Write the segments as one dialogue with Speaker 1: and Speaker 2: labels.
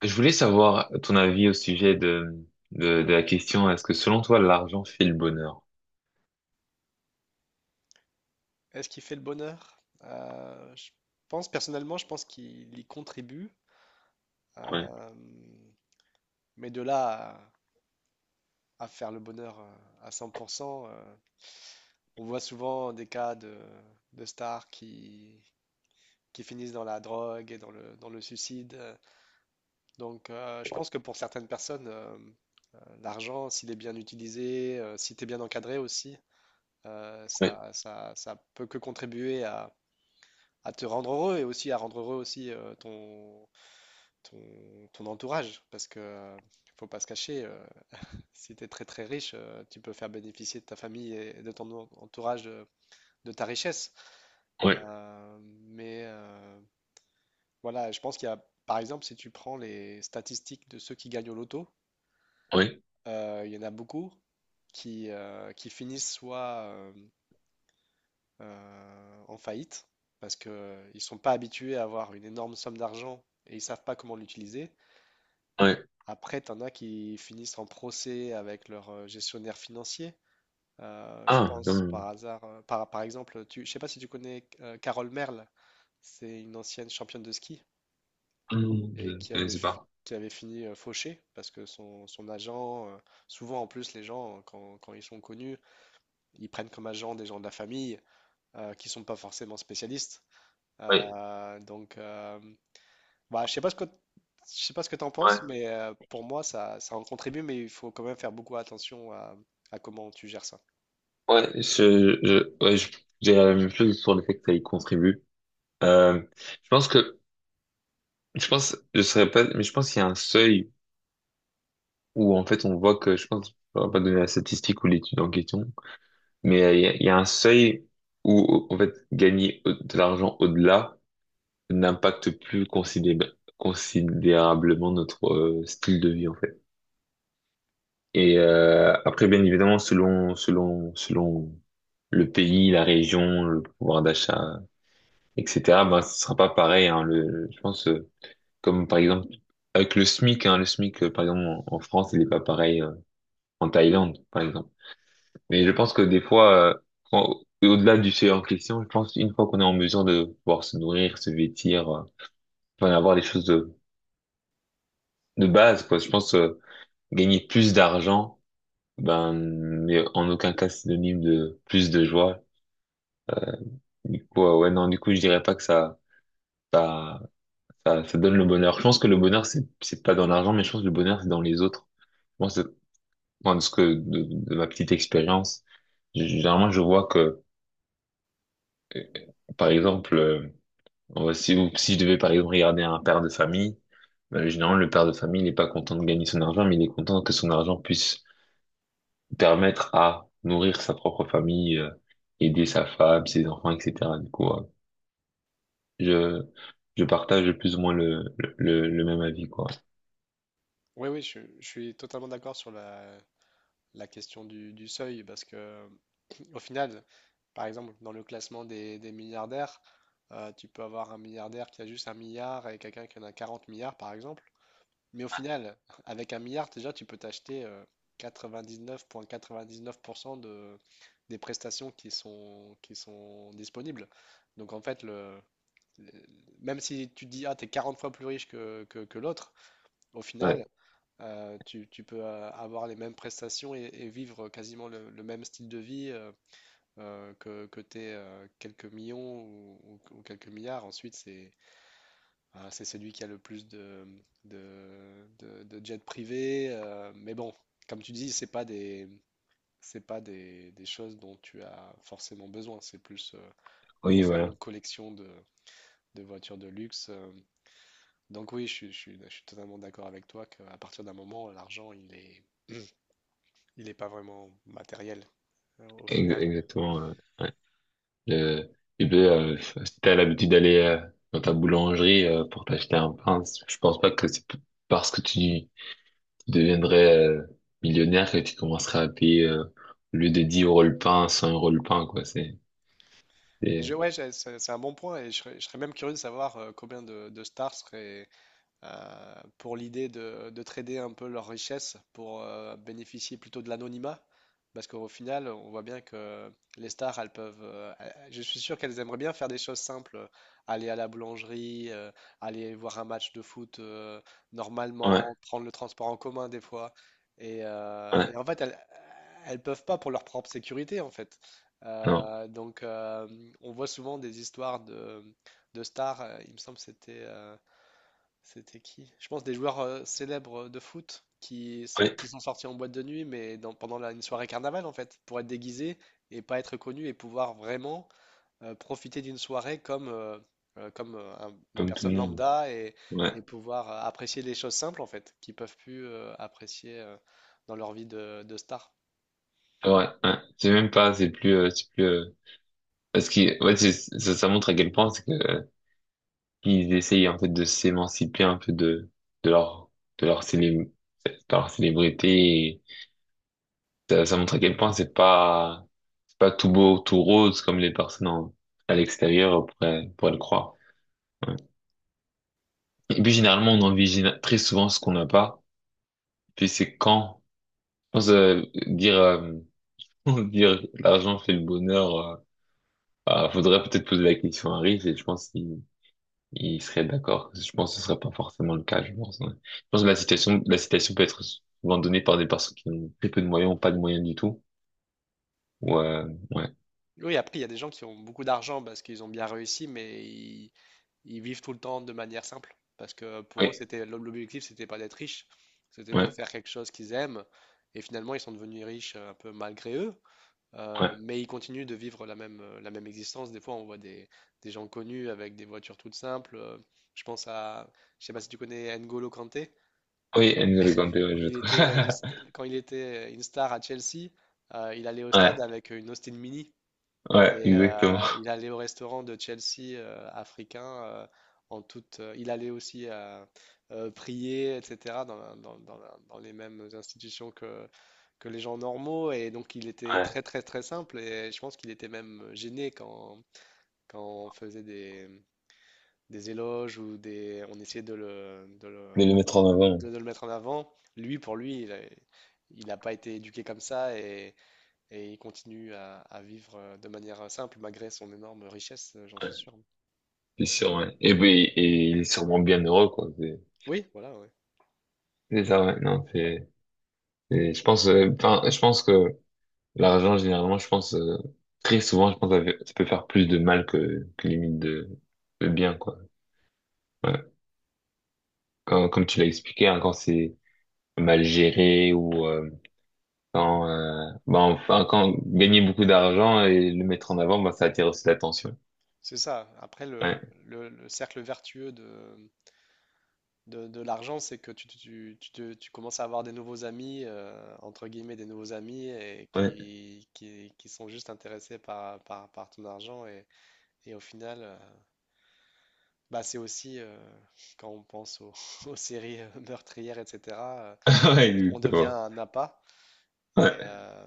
Speaker 1: Je voulais savoir ton avis au sujet de la question, est-ce que selon toi, l'argent fait le bonheur?
Speaker 2: Est-ce qu'il fait le bonheur? Je pense, personnellement, je pense qu'il y contribue.
Speaker 1: Ouais,
Speaker 2: euh, mais de là à faire le bonheur à 100%, on voit souvent des cas de stars qui finissent dans la drogue et dans le suicide. Donc, je pense que pour certaines personnes, l'argent, s'il est bien utilisé, si tu es bien encadré aussi,
Speaker 1: ouais,
Speaker 2: ça peut que contribuer à te rendre heureux et aussi à rendre heureux aussi ton entourage, parce que faut pas se cacher, si tu es très très riche, tu peux faire bénéficier de ta famille et de ton entourage de ta richesse.
Speaker 1: ouais,
Speaker 2: Euh, mais euh, voilà, je pense qu'il y a, par exemple, si tu prends les statistiques de ceux qui gagnent au loto.
Speaker 1: ouais,
Speaker 2: Il y en a beaucoup qui finissent soit en faillite, parce qu'ils ne sont pas habitués à avoir une énorme somme d'argent et ils savent pas comment l'utiliser.
Speaker 1: ouais.
Speaker 2: Après, t'en as qui finissent en procès avec leur gestionnaire financier. Je
Speaker 1: Ah,
Speaker 2: pense
Speaker 1: comme,
Speaker 2: par hasard, par exemple, je sais pas si tu connais Carole Merle, c'est une ancienne championne de ski
Speaker 1: hmm, je,
Speaker 2: et
Speaker 1: je ne sais pas.
Speaker 2: qui avait fini fauchée parce que son agent, souvent en plus les gens, quand ils sont connus, ils prennent comme agent des gens de la famille qui sont pas forcément spécialistes.
Speaker 1: Ouais,
Speaker 2: Euh, donc, euh, Bah, je sais pas ce que t'en penses,
Speaker 1: ouais,
Speaker 2: mais pour moi, ça en contribue, mais il faut quand même faire beaucoup attention à comment tu gères ça.
Speaker 1: ouais, j'ai la même chose sur le fait que ça y contribue. Euh, je pense que, je pense, je serais pas, mais je pense qu'il y a un seuil où, en fait, on voit que, je pense, on va pas donner la statistique ou l'étude en question, mais il y a un seuil où, en fait, de l'argent au-delà, n'impacte plus considérablement notre style de vie en fait. Et après, bien évidemment, selon le pays, la région, le pouvoir d'achat, etc. Ben, ce sera pas pareil. Hein, le, je pense comme par exemple avec le SMIC, hein, le SMIC par exemple en France, il est pas pareil en Thaïlande, par exemple. Mais je pense que des fois, au-delà du fait en question, je pense une fois qu'on est en mesure de pouvoir se nourrir, se vêtir, enfin avoir des choses de base, quoi. Je pense gagner plus d'argent, ben, mais en aucun cas synonyme de plus de joie. Du coup, ouais, non, du coup, je dirais pas que ça, ça donne le bonheur. Je pense que le bonheur, c'est pas dans l'argent, mais je pense que le bonheur, c'est dans les autres. Moi, c'est, enfin, de ce que de ma petite expérience, généralement, je vois que, euh, par exemple, si, ou si je devais, par exemple, regarder un père de famille, ben, généralement, le père de famille, il est pas content de gagner son argent, mais il est content que son argent puisse permettre à nourrir sa propre famille, aider sa femme, ses enfants, etc. Du coup, je, je partage plus ou moins le même avis, quoi.
Speaker 2: Oui, oui, je suis totalement d'accord sur la question du seuil, parce que au final, par exemple, dans le classement des milliardaires, tu peux avoir un milliardaire qui a juste un milliard et quelqu'un qui en a 40 milliards, par exemple. Mais au final, avec un milliard, déjà, tu peux t'acheter 99,99% des prestations qui sont disponibles. Donc en fait, le- même si tu te dis, ah, t'es 40 fois plus riche que l'autre, au
Speaker 1: Ouais,
Speaker 2: final, tu peux avoir les mêmes prestations et vivre quasiment le même style de vie que t'aies quelques millions ou quelques milliards. Ensuite, c'est celui qui a le plus de jets privés. Mais bon, comme tu dis, c'est pas des choses dont tu as forcément besoin. C'est plus
Speaker 1: oui,
Speaker 2: pour faire
Speaker 1: voilà,
Speaker 2: une collection de voitures de luxe. Donc oui, je suis totalement d'accord avec toi qu'à partir d'un moment, l'argent, il est pas vraiment matériel au final.
Speaker 1: Exactement. Ouais. Le, tu peux, si t'as l'habitude d'aller dans ta boulangerie pour t'acheter un pain, je pense pas que parce que tu, deviendrais millionnaire que tu commencerais à payer au lieu de 10 euros le pain, 100 euros le pain, quoi.
Speaker 2: Et
Speaker 1: C'est,
Speaker 2: ouais, c'est un bon point et je serais même curieux de savoir combien de stars seraient, pour l'idée de trader un peu leur richesse pour bénéficier plutôt de l'anonymat. Parce qu'au final, on voit bien que les stars, elles peuvent. Je suis sûr qu'elles aimeraient bien faire des choses simples, aller à la boulangerie, aller voir un match de foot
Speaker 1: ouais,
Speaker 2: normalement, prendre le transport en commun des fois. Et
Speaker 1: ouais,
Speaker 2: en fait, elles peuvent pas pour leur propre sécurité, en fait.
Speaker 1: non,
Speaker 2: Euh, donc, euh, on voit souvent des histoires de stars. Il me semble que c'était qui? Je pense des joueurs célèbres de foot
Speaker 1: ouais,
Speaker 2: qui sont sortis en boîte de nuit, mais pendant une soirée carnaval en fait, pour être déguisés et pas être connus et pouvoir vraiment profiter d'une soirée comme une
Speaker 1: comme tout
Speaker 2: personne
Speaker 1: le monde.
Speaker 2: lambda
Speaker 1: Ouais,
Speaker 2: et pouvoir apprécier les choses simples en fait, qu'ils peuvent plus apprécier dans leur vie de star.
Speaker 1: ouais. C'est même pas, c'est plus, c'est plus. Parce que ouais, ça, ça montre à quel point c'est que ils essayent en fait de s'émanciper un peu de de leur de leur célé- de leur célébrité. Et ça montre à quel point c'est pas tout beau tout rose comme les personnes à l'extérieur pourraient le croire. Ouais. Et puis généralement on envisage très souvent ce qu'on n'a pas. Puis c'est quand je pense dire dire l'argent fait le bonheur. Ah, faudrait peut-être poser la question à Riff et je pense il serait d'accord. Je pense que ce serait pas forcément le cas, je pense. Ouais. Je pense que la citation peut être souvent donnée par des personnes qui ont très peu de moyens ou pas de moyens du tout. Ou, ouais,
Speaker 2: Oui, après, il y a des gens qui ont beaucoup d'argent parce qu'ils ont bien réussi, mais ils vivent tout le temps de manière simple. Parce que pour eux,
Speaker 1: ouais,
Speaker 2: c'était l'objectif, c'était pas d'être riche, c'était
Speaker 1: oui,
Speaker 2: de
Speaker 1: ouais,
Speaker 2: faire quelque chose qu'ils aiment. Et finalement, ils sont devenus riches un peu malgré eux,
Speaker 1: ouais.
Speaker 2: mais ils continuent de vivre la même existence. Des fois, on voit des gens connus avec des voitures toutes simples. Je pense je sais pas si tu connais N'Golo Kanté.
Speaker 1: Oui, N'Golo Kanté, ouais, je le
Speaker 2: Il
Speaker 1: trouve.
Speaker 2: était, une st- Quand il était une star à Chelsea, il allait au stade
Speaker 1: Ouais,
Speaker 2: avec une Austin Mini.
Speaker 1: ouais,
Speaker 2: Et
Speaker 1: exactement.
Speaker 2: il allait au restaurant de Chelsea africain en toute. Il allait aussi prier, etc. Dans les mêmes institutions que les gens normaux. Et donc il était
Speaker 1: Ouais.
Speaker 2: très très très simple. Et je pense qu'il était même gêné quand on faisait des éloges on essayait
Speaker 1: De le mettre en avant.
Speaker 2: de le mettre en avant. Lui, pour lui, il n'a pas été éduqué comme ça et il continue à vivre de manière simple malgré son énorme richesse, j'en
Speaker 1: Ouais,
Speaker 2: suis sûr.
Speaker 1: c'est sûr, ouais. Et puis, et il est sûrement bien heureux, quoi.
Speaker 2: Oui, voilà, ouais.
Speaker 1: C'est ça, ouais. Non, c'est, je pense, enfin, je pense que l'argent, généralement, je pense, très souvent, je pense que ça peut faire plus de mal que limite de bien, quoi. Ouais. Comme, tu l'as expliqué, hein, quand c'est mal géré ou quand, bah, enfin, quand gagner beaucoup d'argent et le mettre en avant, bah, ça attire aussi l'attention.
Speaker 2: C'est ça. Après,
Speaker 1: Ouais,
Speaker 2: le cercle vertueux de l'argent, c'est que tu commences à avoir des nouveaux amis, entre guillemets, des nouveaux amis et
Speaker 1: ouais,
Speaker 2: qui sont juste intéressés par ton argent. Et au final, bah, c'est aussi, quand on pense aux séries meurtrières, etc., tu-
Speaker 1: ouais,
Speaker 2: on devient
Speaker 1: exactement.
Speaker 2: un appât. Et,
Speaker 1: Ouais.
Speaker 2: euh,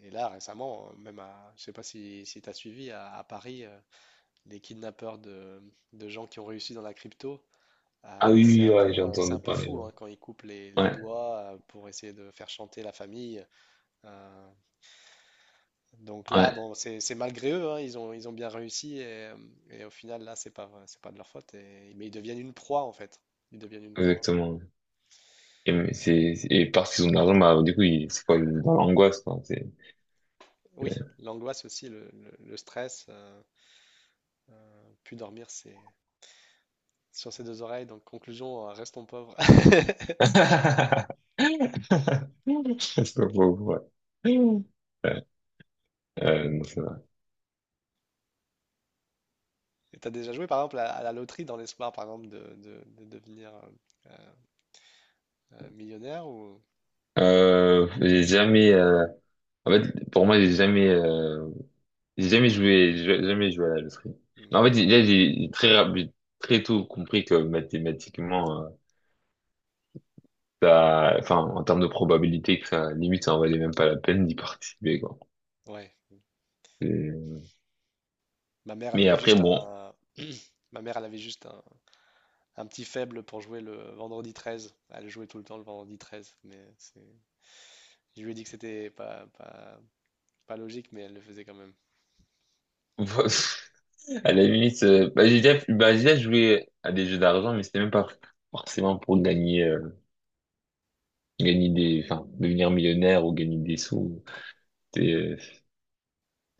Speaker 2: et là, récemment, je sais pas si tu as suivi, à Paris, les kidnappeurs de gens qui ont réussi dans la crypto,
Speaker 1: Ah oui, oui, ouais, j'ai
Speaker 2: c'est
Speaker 1: entendu
Speaker 2: un peu
Speaker 1: parler.
Speaker 2: fou hein, quand ils coupent les
Speaker 1: Ouais,
Speaker 2: doigts pour essayer de faire chanter la famille. Euh, donc là,
Speaker 1: ouais,
Speaker 2: bon, c'est malgré eux, hein, ils ont bien réussi et au final, là, c'est pas de leur faute. Mais ils deviennent une proie en fait. Ils deviennent une
Speaker 1: ouais,
Speaker 2: proie.
Speaker 1: exactement. Et, mais c'est, et parce qu'ils ont de l'argent, bah, du coup, ils, c'est quoi, dans l'angoisse, quoi. C'est,
Speaker 2: Oui, l'angoisse aussi, le stress, plus dormir, sur ses deux oreilles. Donc, conclusion, restons pauvres.
Speaker 1: c'est pas pauvre, ouais. Ouais, non, c'est vrai.
Speaker 2: Et t'as déjà joué, par exemple, à la loterie dans l'espoir, par exemple, de devenir euh, millionnaire ou...
Speaker 1: J'ai jamais, En fait, pour moi, j'ai jamais joué à la loterie. Mais
Speaker 2: ou-
Speaker 1: en fait, là, j'ai très tôt compris que mathématiquement, enfin, en termes de probabilité, que ça, limite, ça en valait même pas la peine d'y participer, quoi.
Speaker 2: Ouais.
Speaker 1: Et-
Speaker 2: Ma mère, elle
Speaker 1: Mais
Speaker 2: avait
Speaker 1: après,
Speaker 2: juste
Speaker 1: bon,
Speaker 2: un... Ma mère, elle avait juste un petit faible pour jouer le vendredi 13. Elle jouait tout le temps le vendredi 13. Je lui ai dit que c'était pas logique, mais elle le faisait quand même.
Speaker 1: à la limite, bah, bah, j'ai déjà joué à des jeux d'argent, mais c'était même pas forcément pour gagner, gagner des, enfin, devenir millionnaire ou gagner des sous. C'est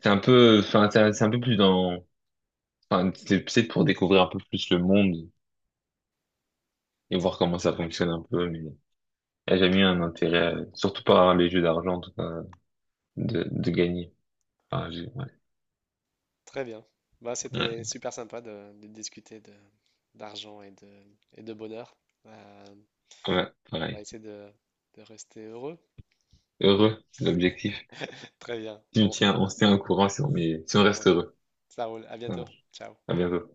Speaker 1: c'est un peu, enfin, c'est un peu plus dans enfin, une petite épisode pour découvrir un peu plus le monde et voir comment ça fonctionne un peu, mais elle a jamais eu un intérêt, surtout par les jeux d'argent, en tout cas, de gagner. Ouais.
Speaker 2: Très bien. Bah, c'était
Speaker 1: Ouais,
Speaker 2: super sympa de discuter d'argent et de bonheur. Euh,
Speaker 1: ouais,
Speaker 2: on va
Speaker 1: pareil.
Speaker 2: essayer de rester heureux.
Speaker 1: Heureux, c'est l'objectif.
Speaker 2: Très bien.
Speaker 1: Si on
Speaker 2: Bon,
Speaker 1: tient, on se tient au courant si on est, si on
Speaker 2: ça
Speaker 1: reste
Speaker 2: roule.
Speaker 1: heureux.
Speaker 2: Ça roule. À bientôt.
Speaker 1: Voilà.
Speaker 2: Ciao.
Speaker 1: À bientôt.